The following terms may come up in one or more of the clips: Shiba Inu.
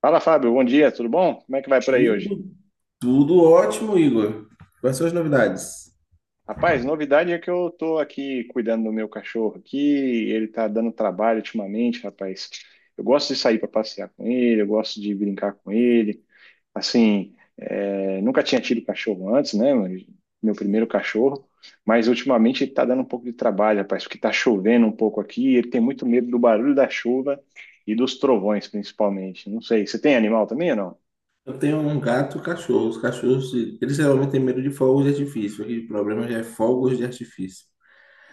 Fala, Fábio. Bom dia, tudo bom? Como é que vai por aí hoje? Tudo, tudo ótimo, Igor. Quais são as novidades? Rapaz, novidade é que eu tô aqui cuidando do meu cachorro aqui, ele tá dando trabalho ultimamente, rapaz. Eu gosto de sair para passear com ele, eu gosto de brincar com ele. Assim, é, nunca tinha tido cachorro antes, né? Mas meu primeiro cachorro, mas ultimamente ele tá dando um pouco de trabalho, rapaz, porque tá chovendo um pouco aqui, ele tem muito medo do barulho da chuva e dos trovões, principalmente. Não sei, você tem animal também ou não? Eu tenho um gato e um cachorro. Os cachorros, eles geralmente têm medo de fogos de artifício. Aqui o problema já é fogos de artifício.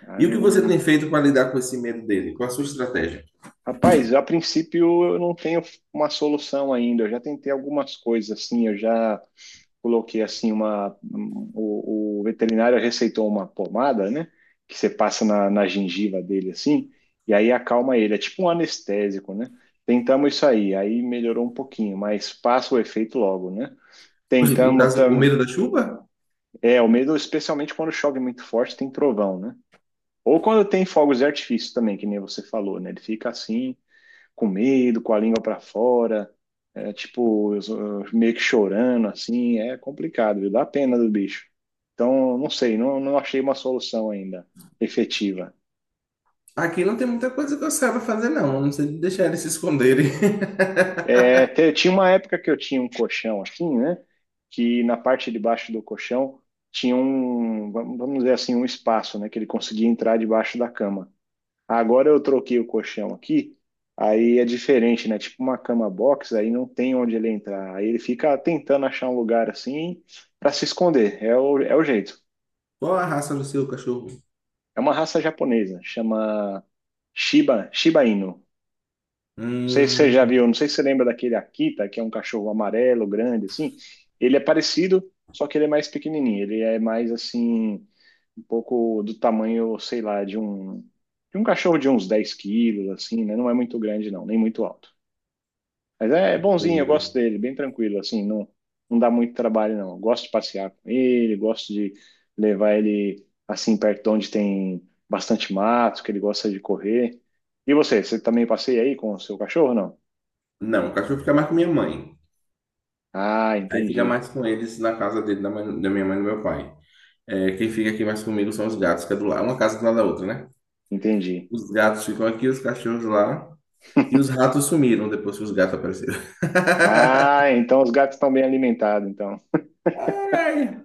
Ah, E o que você tem feito para lidar com esse medo dele? Qual a sua estratégia? rapaz, a princípio eu não tenho uma solução ainda. Eu já tentei algumas coisas assim, eu já coloquei assim o veterinário receitou uma pomada, né, que você passa na gengiva dele assim, e aí acalma ele. É tipo um anestésico, né? Tentamos isso aí, aí melhorou um pouquinho, mas passa o efeito logo, né? Poxa, no Tentamos caso, o tam... medo da chuva? É, o medo especialmente quando chove muito forte, tem trovão, né? Ou quando tem fogos de artifício também, que nem você falou, né? Ele fica assim com medo, com a língua para fora, é, tipo, eu meio que chorando, assim, é complicado, viu? Dá pena do bicho. Então, não sei, não, não achei uma solução ainda efetiva. Aqui não tem muita coisa que eu saiba fazer, não. A não ser deixar eles se esconderem. É, tinha uma época que eu tinha um colchão assim, né? Que na parte de baixo do colchão tinha um, vamos dizer assim, um espaço, né? Que ele conseguia entrar debaixo da cama. Agora eu troquei o colchão aqui, aí é diferente, né? Tipo uma cama box, aí não tem onde ele entrar. Aí ele fica tentando achar um lugar assim para se esconder. É o jeito. Qual a raça do seu cachorro? É uma raça japonesa, chama Shiba, Shiba Inu. Não sei se você já Hum, viu, não sei se você lembra daquele Akita, que é um cachorro amarelo, grande, assim. Ele é parecido, só que ele é mais pequenininho. Ele é mais assim, um pouco do tamanho, sei lá, de um cachorro de uns 10 quilos, assim, né? Não é muito grande, não, nem muito alto. Mas é não bonzinho, eu gosto lembro. dele, bem tranquilo, assim, não, não dá muito trabalho, não. Eu gosto de passear com ele, gosto de levar ele, assim, perto de onde tem bastante mato, que ele gosta de correr. E você também passeia aí com o seu cachorro, não? Não, o cachorro fica mais com minha mãe. Ah, Aí fica entendi, mais com eles na casa dele, da minha mãe e do meu pai. É, quem fica aqui mais comigo são os gatos, que é do lado, uma casa do lado da outra, né? entendi. Os gatos ficam aqui, os cachorros lá. E os ratos sumiram depois que os gatos apareceram. Ah, então os gatos estão bem alimentados, então. Ai,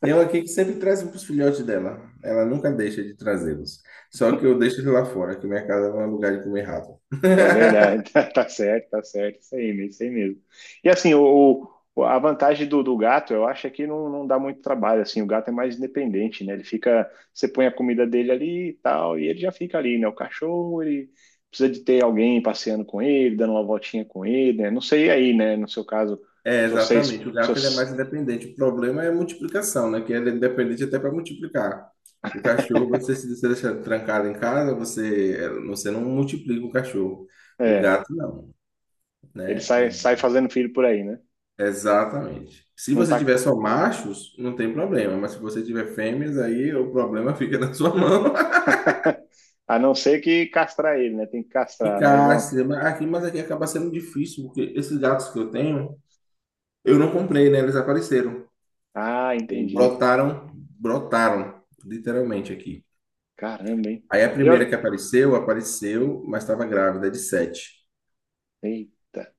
tem um aqui que sempre traz para os filhotes dela. Ela nunca deixa de trazê-los. Só que eu deixo ele lá fora, que minha casa não é lugar de comer rato. É verdade, tá certo, isso aí mesmo. E assim, a vantagem do gato, eu acho é que não, não dá muito trabalho, assim, o gato é mais independente, né? Ele fica, você põe a comida dele ali e tal, e ele já fica ali, né? O cachorro, ele precisa de ter alguém passeando com ele, dando uma voltinha com ele, né? Não sei aí, né? No seu caso, É, se vocês, exatamente. O se gato ele é mais vocês- independente. O problema é a multiplicação, né? Que ele é independente até para multiplicar. O cachorro, você se você deixar trancado em casa, você, é, você não multiplica o cachorro. O é, gato, não, ele né? É, sai, sai fazendo filho por aí, né? exatamente. Se Não você tá, tiver só machos, não tem problema. Mas se você tiver fêmeas, aí o problema fica na sua mão. a não ser que castrar ele, né? Tem que Que castrar, mas vão. cástia, mas aqui acaba sendo difícil, porque esses gatos que eu tenho, eu não comprei, né? Eles apareceram. Ah, entendi. Brotaram, brotaram, literalmente aqui. Caramba, hein? Aí a E primeira que olha. apareceu, apareceu, mas estava grávida é de sete. Eita.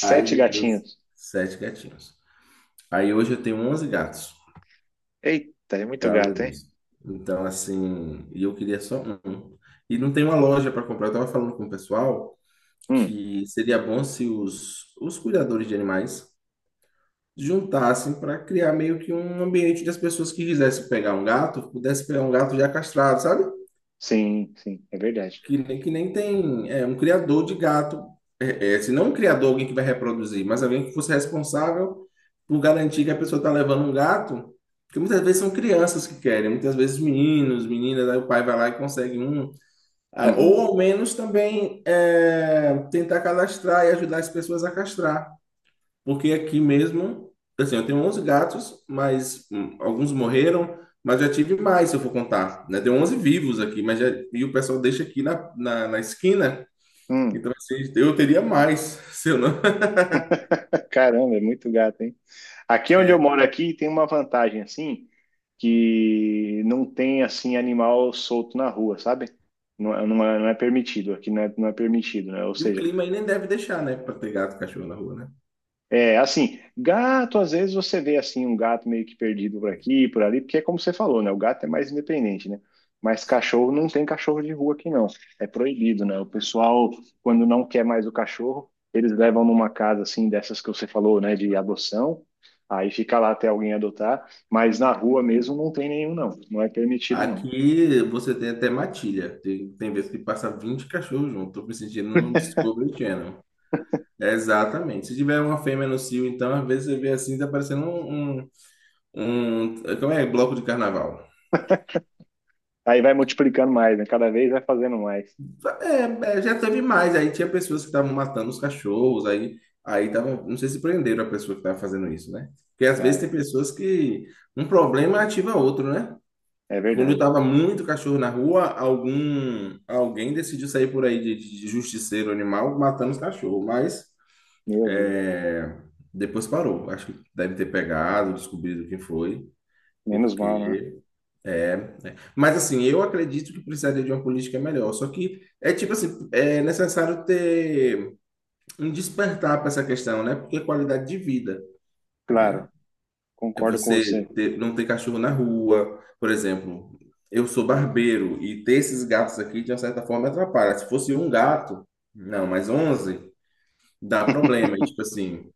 Aí depois, gatinhos. sete gatinhos. Aí hoje eu tenho 11 gatos, Eita, é por muito causa gato, hein? disso. Então, assim, e eu queria só um. E não tem uma loja para comprar. Eu estava falando com o pessoal Hum, que seria bom se os, os cuidadores de animais juntassem para criar meio que um ambiente onde as pessoas que quisessem pegar um gato, pudessem pegar um gato já castrado, sabe? sim, sim, é verdade. Que nem tem é, um criador de gato. É, é, se não um criador, alguém que vai reproduzir, mas alguém que fosse responsável por garantir que a pessoa está levando um gato. Porque muitas vezes são crianças que querem, muitas vezes meninos, meninas, aí o pai vai lá e consegue um. Ah, Uhum. ou ao menos também é, tentar cadastrar e ajudar as pessoas a castrar. Porque aqui mesmo, assim, eu tenho 11 gatos, mas alguns morreram, mas já tive mais, se eu for contar, né? Tem 11 vivos aqui, mas já, e o pessoal deixa aqui na esquina, Hum. então assim, eu teria mais, se eu não... Caramba, é muito gato, hein? Aqui onde eu é. moro aqui tem uma vantagem assim, que não tem assim animal solto na rua, sabe? Não, não é, não é permitido, aqui não é, não é permitido, né? Ou E o seja, clima aí nem deve deixar, né, para ter gato e cachorro na rua, né? é, assim, gato, às vezes você vê assim um gato meio que perdido por aqui, por ali, porque é como você falou, né? O gato é mais independente, né? Mas cachorro não tem cachorro de rua aqui não. É proibido, né? O pessoal, quando não quer mais o cachorro, eles levam numa casa assim dessas que você falou, né, de adoção. Aí fica lá até alguém adotar, mas na rua mesmo não tem nenhum não. Não é permitido não. Aqui você tem até matilha, tem, tem vezes que passa 20 cachorros junto, tô me sentindo num Discovery Channel. É, exatamente. Se tiver uma fêmea no cio, então, às vezes você vê assim, tá parecendo um, um, como é? Bloco de carnaval. Aí vai multiplicando mais, né? Cada vez vai fazendo mais. É, é, já teve mais. Aí tinha pessoas que estavam matando os cachorros, aí tava, não sei se prenderam a pessoa que estava fazendo isso, né? Porque às Ah, vezes tem é, pessoas que um problema ativa outro, né? é Quando verdade. tava muito cachorro na rua, algum alguém decidiu sair por aí de justiceiro animal matando os cachorros, mas Meu Deus. é, depois parou. Acho que deve ter pegado, descobrido quem foi, Menos mal, né? porque é, né? Mas assim, eu acredito que precisaria de uma política melhor. Só que é tipo assim, é necessário ter um despertar para essa questão, né? Porque qualidade de vida Claro. é Concordo com você. Não ter cachorro na rua, por exemplo. Eu sou barbeiro e ter esses gatos aqui de uma certa forma me atrapalha. Se fosse um gato, não, mas 11 dá problema, e, tipo assim.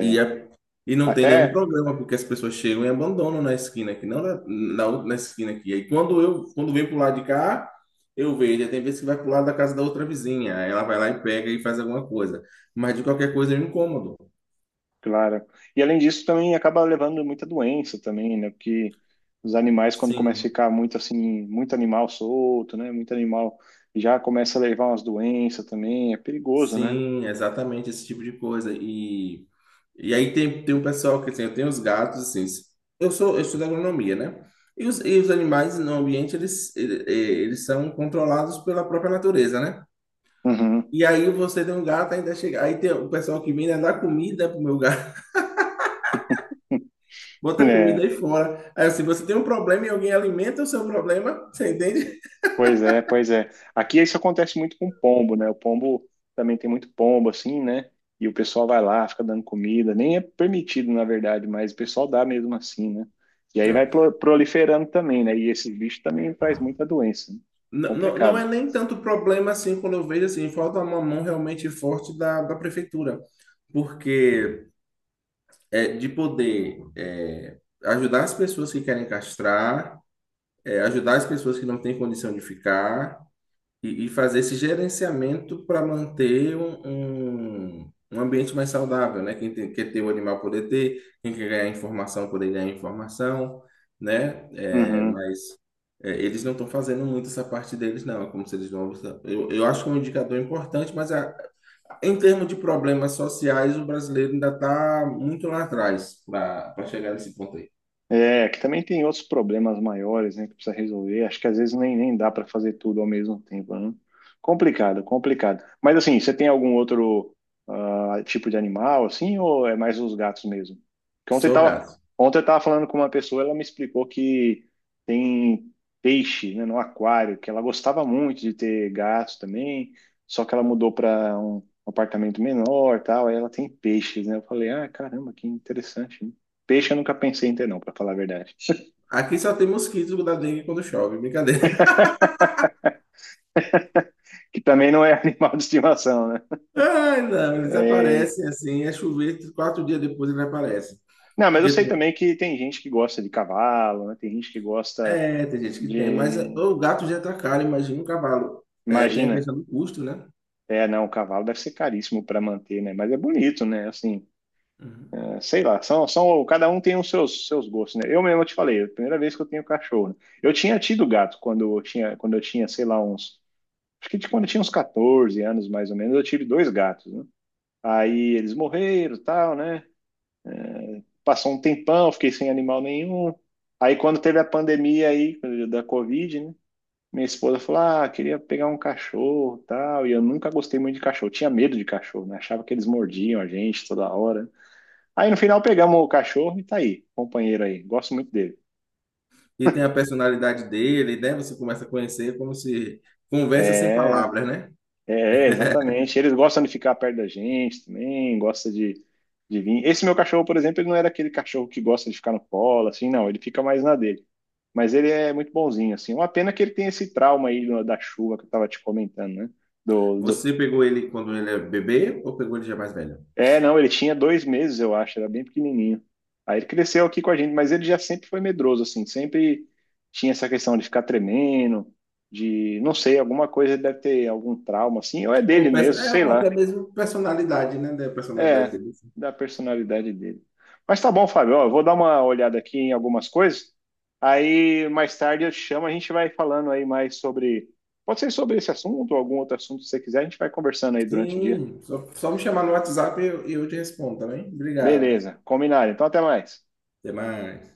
E, é- e É, não tem nenhum até, problema, porque as pessoas chegam e abandonam na esquina aqui, não na na esquina aqui. Aí quando vem pro lado de cá, eu vejo. Aí tem vezes que vai pro lado da casa da outra vizinha. Aí ela vai lá e pega e faz alguma coisa. Mas de qualquer coisa é um incômodo. claro. E além disso, também acaba levando muita doença também, né? Porque os animais, quando começa Sim. a ficar muito assim, muito animal solto, né? Muito animal, já começa a levar umas doenças também, é perigoso, né? Sim, exatamente esse tipo de coisa. E aí tem um pessoal que assim, eu tenho os gatos, assim, eu estudo agronomia, né? E os animais no ambiente, eles são controlados pela própria natureza, né? Uhum. E aí você tem um gato, ainda chega, aí tem o pessoal que vem né, dar comida pro meu gato, bota comida É. aí fora. Aí assim, você tem um problema e alguém alimenta o seu problema, você entende? Pois é, pois é. Aqui isso acontece muito com pombo, né? O pombo também tem muito pombo, assim, né? E o pessoal vai lá, fica dando comida. Nem é permitido, na verdade, mas o pessoal dá mesmo assim, né? E aí vai É. Proliferando também, né? E esse bicho também faz muita doença. Né? Não, não, não Complicado. é nem tanto problema assim quando eu vejo assim, falta uma mão realmente forte da prefeitura. Porque é, de poder é, ajudar as pessoas que querem castrar, é, ajudar as pessoas que não têm condição de ficar e fazer esse gerenciamento para manter um, um ambiente mais saudável, né? Quer ter o animal poder ter, quem quer ganhar informação poder ganhar informação, né? É, Uhum. mas é, eles não estão fazendo muito essa parte deles, não. É como se eles não. Eu acho que é um indicador importante, mas em termos de problemas sociais, o brasileiro ainda está muito lá atrás para chegar nesse ponto aí. É, que também tem outros problemas maiores, né, que precisa resolver. Acho que às vezes nem, nem dá para fazer tudo ao mesmo tempo, né? Complicado, complicado. Mas assim, você tem algum outro ah, tipo de animal, assim, ou é mais os gatos mesmo? Porque Sou gato. ontem eu tava falando com uma pessoa, ela me explicou que tem peixe, né, no aquário, que ela gostava muito de ter gatos também, só que ela mudou para um apartamento menor, tal, aí ela tem peixes, né? Eu falei, ah, caramba, que interessante, peixe eu nunca pensei em ter, não, para falar a verdade. Aqui só tem mosquitos da dengue quando chove, brincadeira. Que também não é animal de estimação, né? Ai, não, eles É, aparecem assim, é chover, 4 dias depois eles aparecem. não, mas eu Porque sei tem, também que tem gente que gosta de cavalo, né? Tem gente que gosta é, tem gente que tem, mas é, de. o gato já tá caro, imagina um cavalo. É, tem a Imagina. questão do custo, né? É, não, o cavalo deve ser caríssimo para manter, né? Mas é bonito, né? Assim, Uhum. é, sei lá, cada um tem os seus, seus gostos, né? Eu mesmo te falei, é a primeira vez que eu tenho cachorro. Né? Eu tinha tido gato quando eu tinha, sei lá, uns. Acho que quando eu tinha uns 14 anos, mais ou menos, eu tive 2 gatos, né? Aí eles morreram, e tal, né? Passou um tempão, fiquei sem animal nenhum. Aí quando teve a pandemia aí da Covid, né? Minha esposa falou: "Ah, queria pegar um cachorro, tal". E eu nunca gostei muito de cachorro, tinha medo de cachorro, né? Achava que eles mordiam a gente toda hora. Aí no final pegamos o cachorro e tá aí, companheiro aí. Gosto muito dele. E tem a personalidade dele, né? Você começa a conhecer como se conversa sem É, palavras, né? é, exatamente. Eles gostam de ficar perto da gente também, gosta de vir. Esse meu cachorro, por exemplo, ele não era aquele cachorro que gosta de ficar no colo, assim, não. Ele fica mais na dele. Mas ele é muito bonzinho, assim. Uma pena que ele tem esse trauma aí da chuva que eu tava te comentando, né? Do, do... Você pegou ele quando ele é bebê ou pegou ele já mais velho? É, não, ele tinha 2 meses, eu acho, era bem pequenininho. Aí ele cresceu aqui com a gente, mas ele já sempre foi medroso, assim. Sempre tinha essa questão de ficar tremendo, de, não sei, alguma coisa deve ter algum trauma, assim. Ou é Ou, dele pe- mesmo, é, sei ou até lá. mesmo personalidade, né? Da personalidade É, dele. da personalidade dele. Mas tá bom, Fábio. Ó, eu vou dar uma olhada aqui em algumas coisas. Aí mais tarde eu te chamo, a gente vai falando aí mais sobre. Pode ser sobre esse assunto ou algum outro assunto que você quiser, a gente vai conversando aí durante o dia. Sim, só me chamar no WhatsApp e eu te respondo, tá bem? Obrigado. Beleza, combinado. Então até mais. Até mais.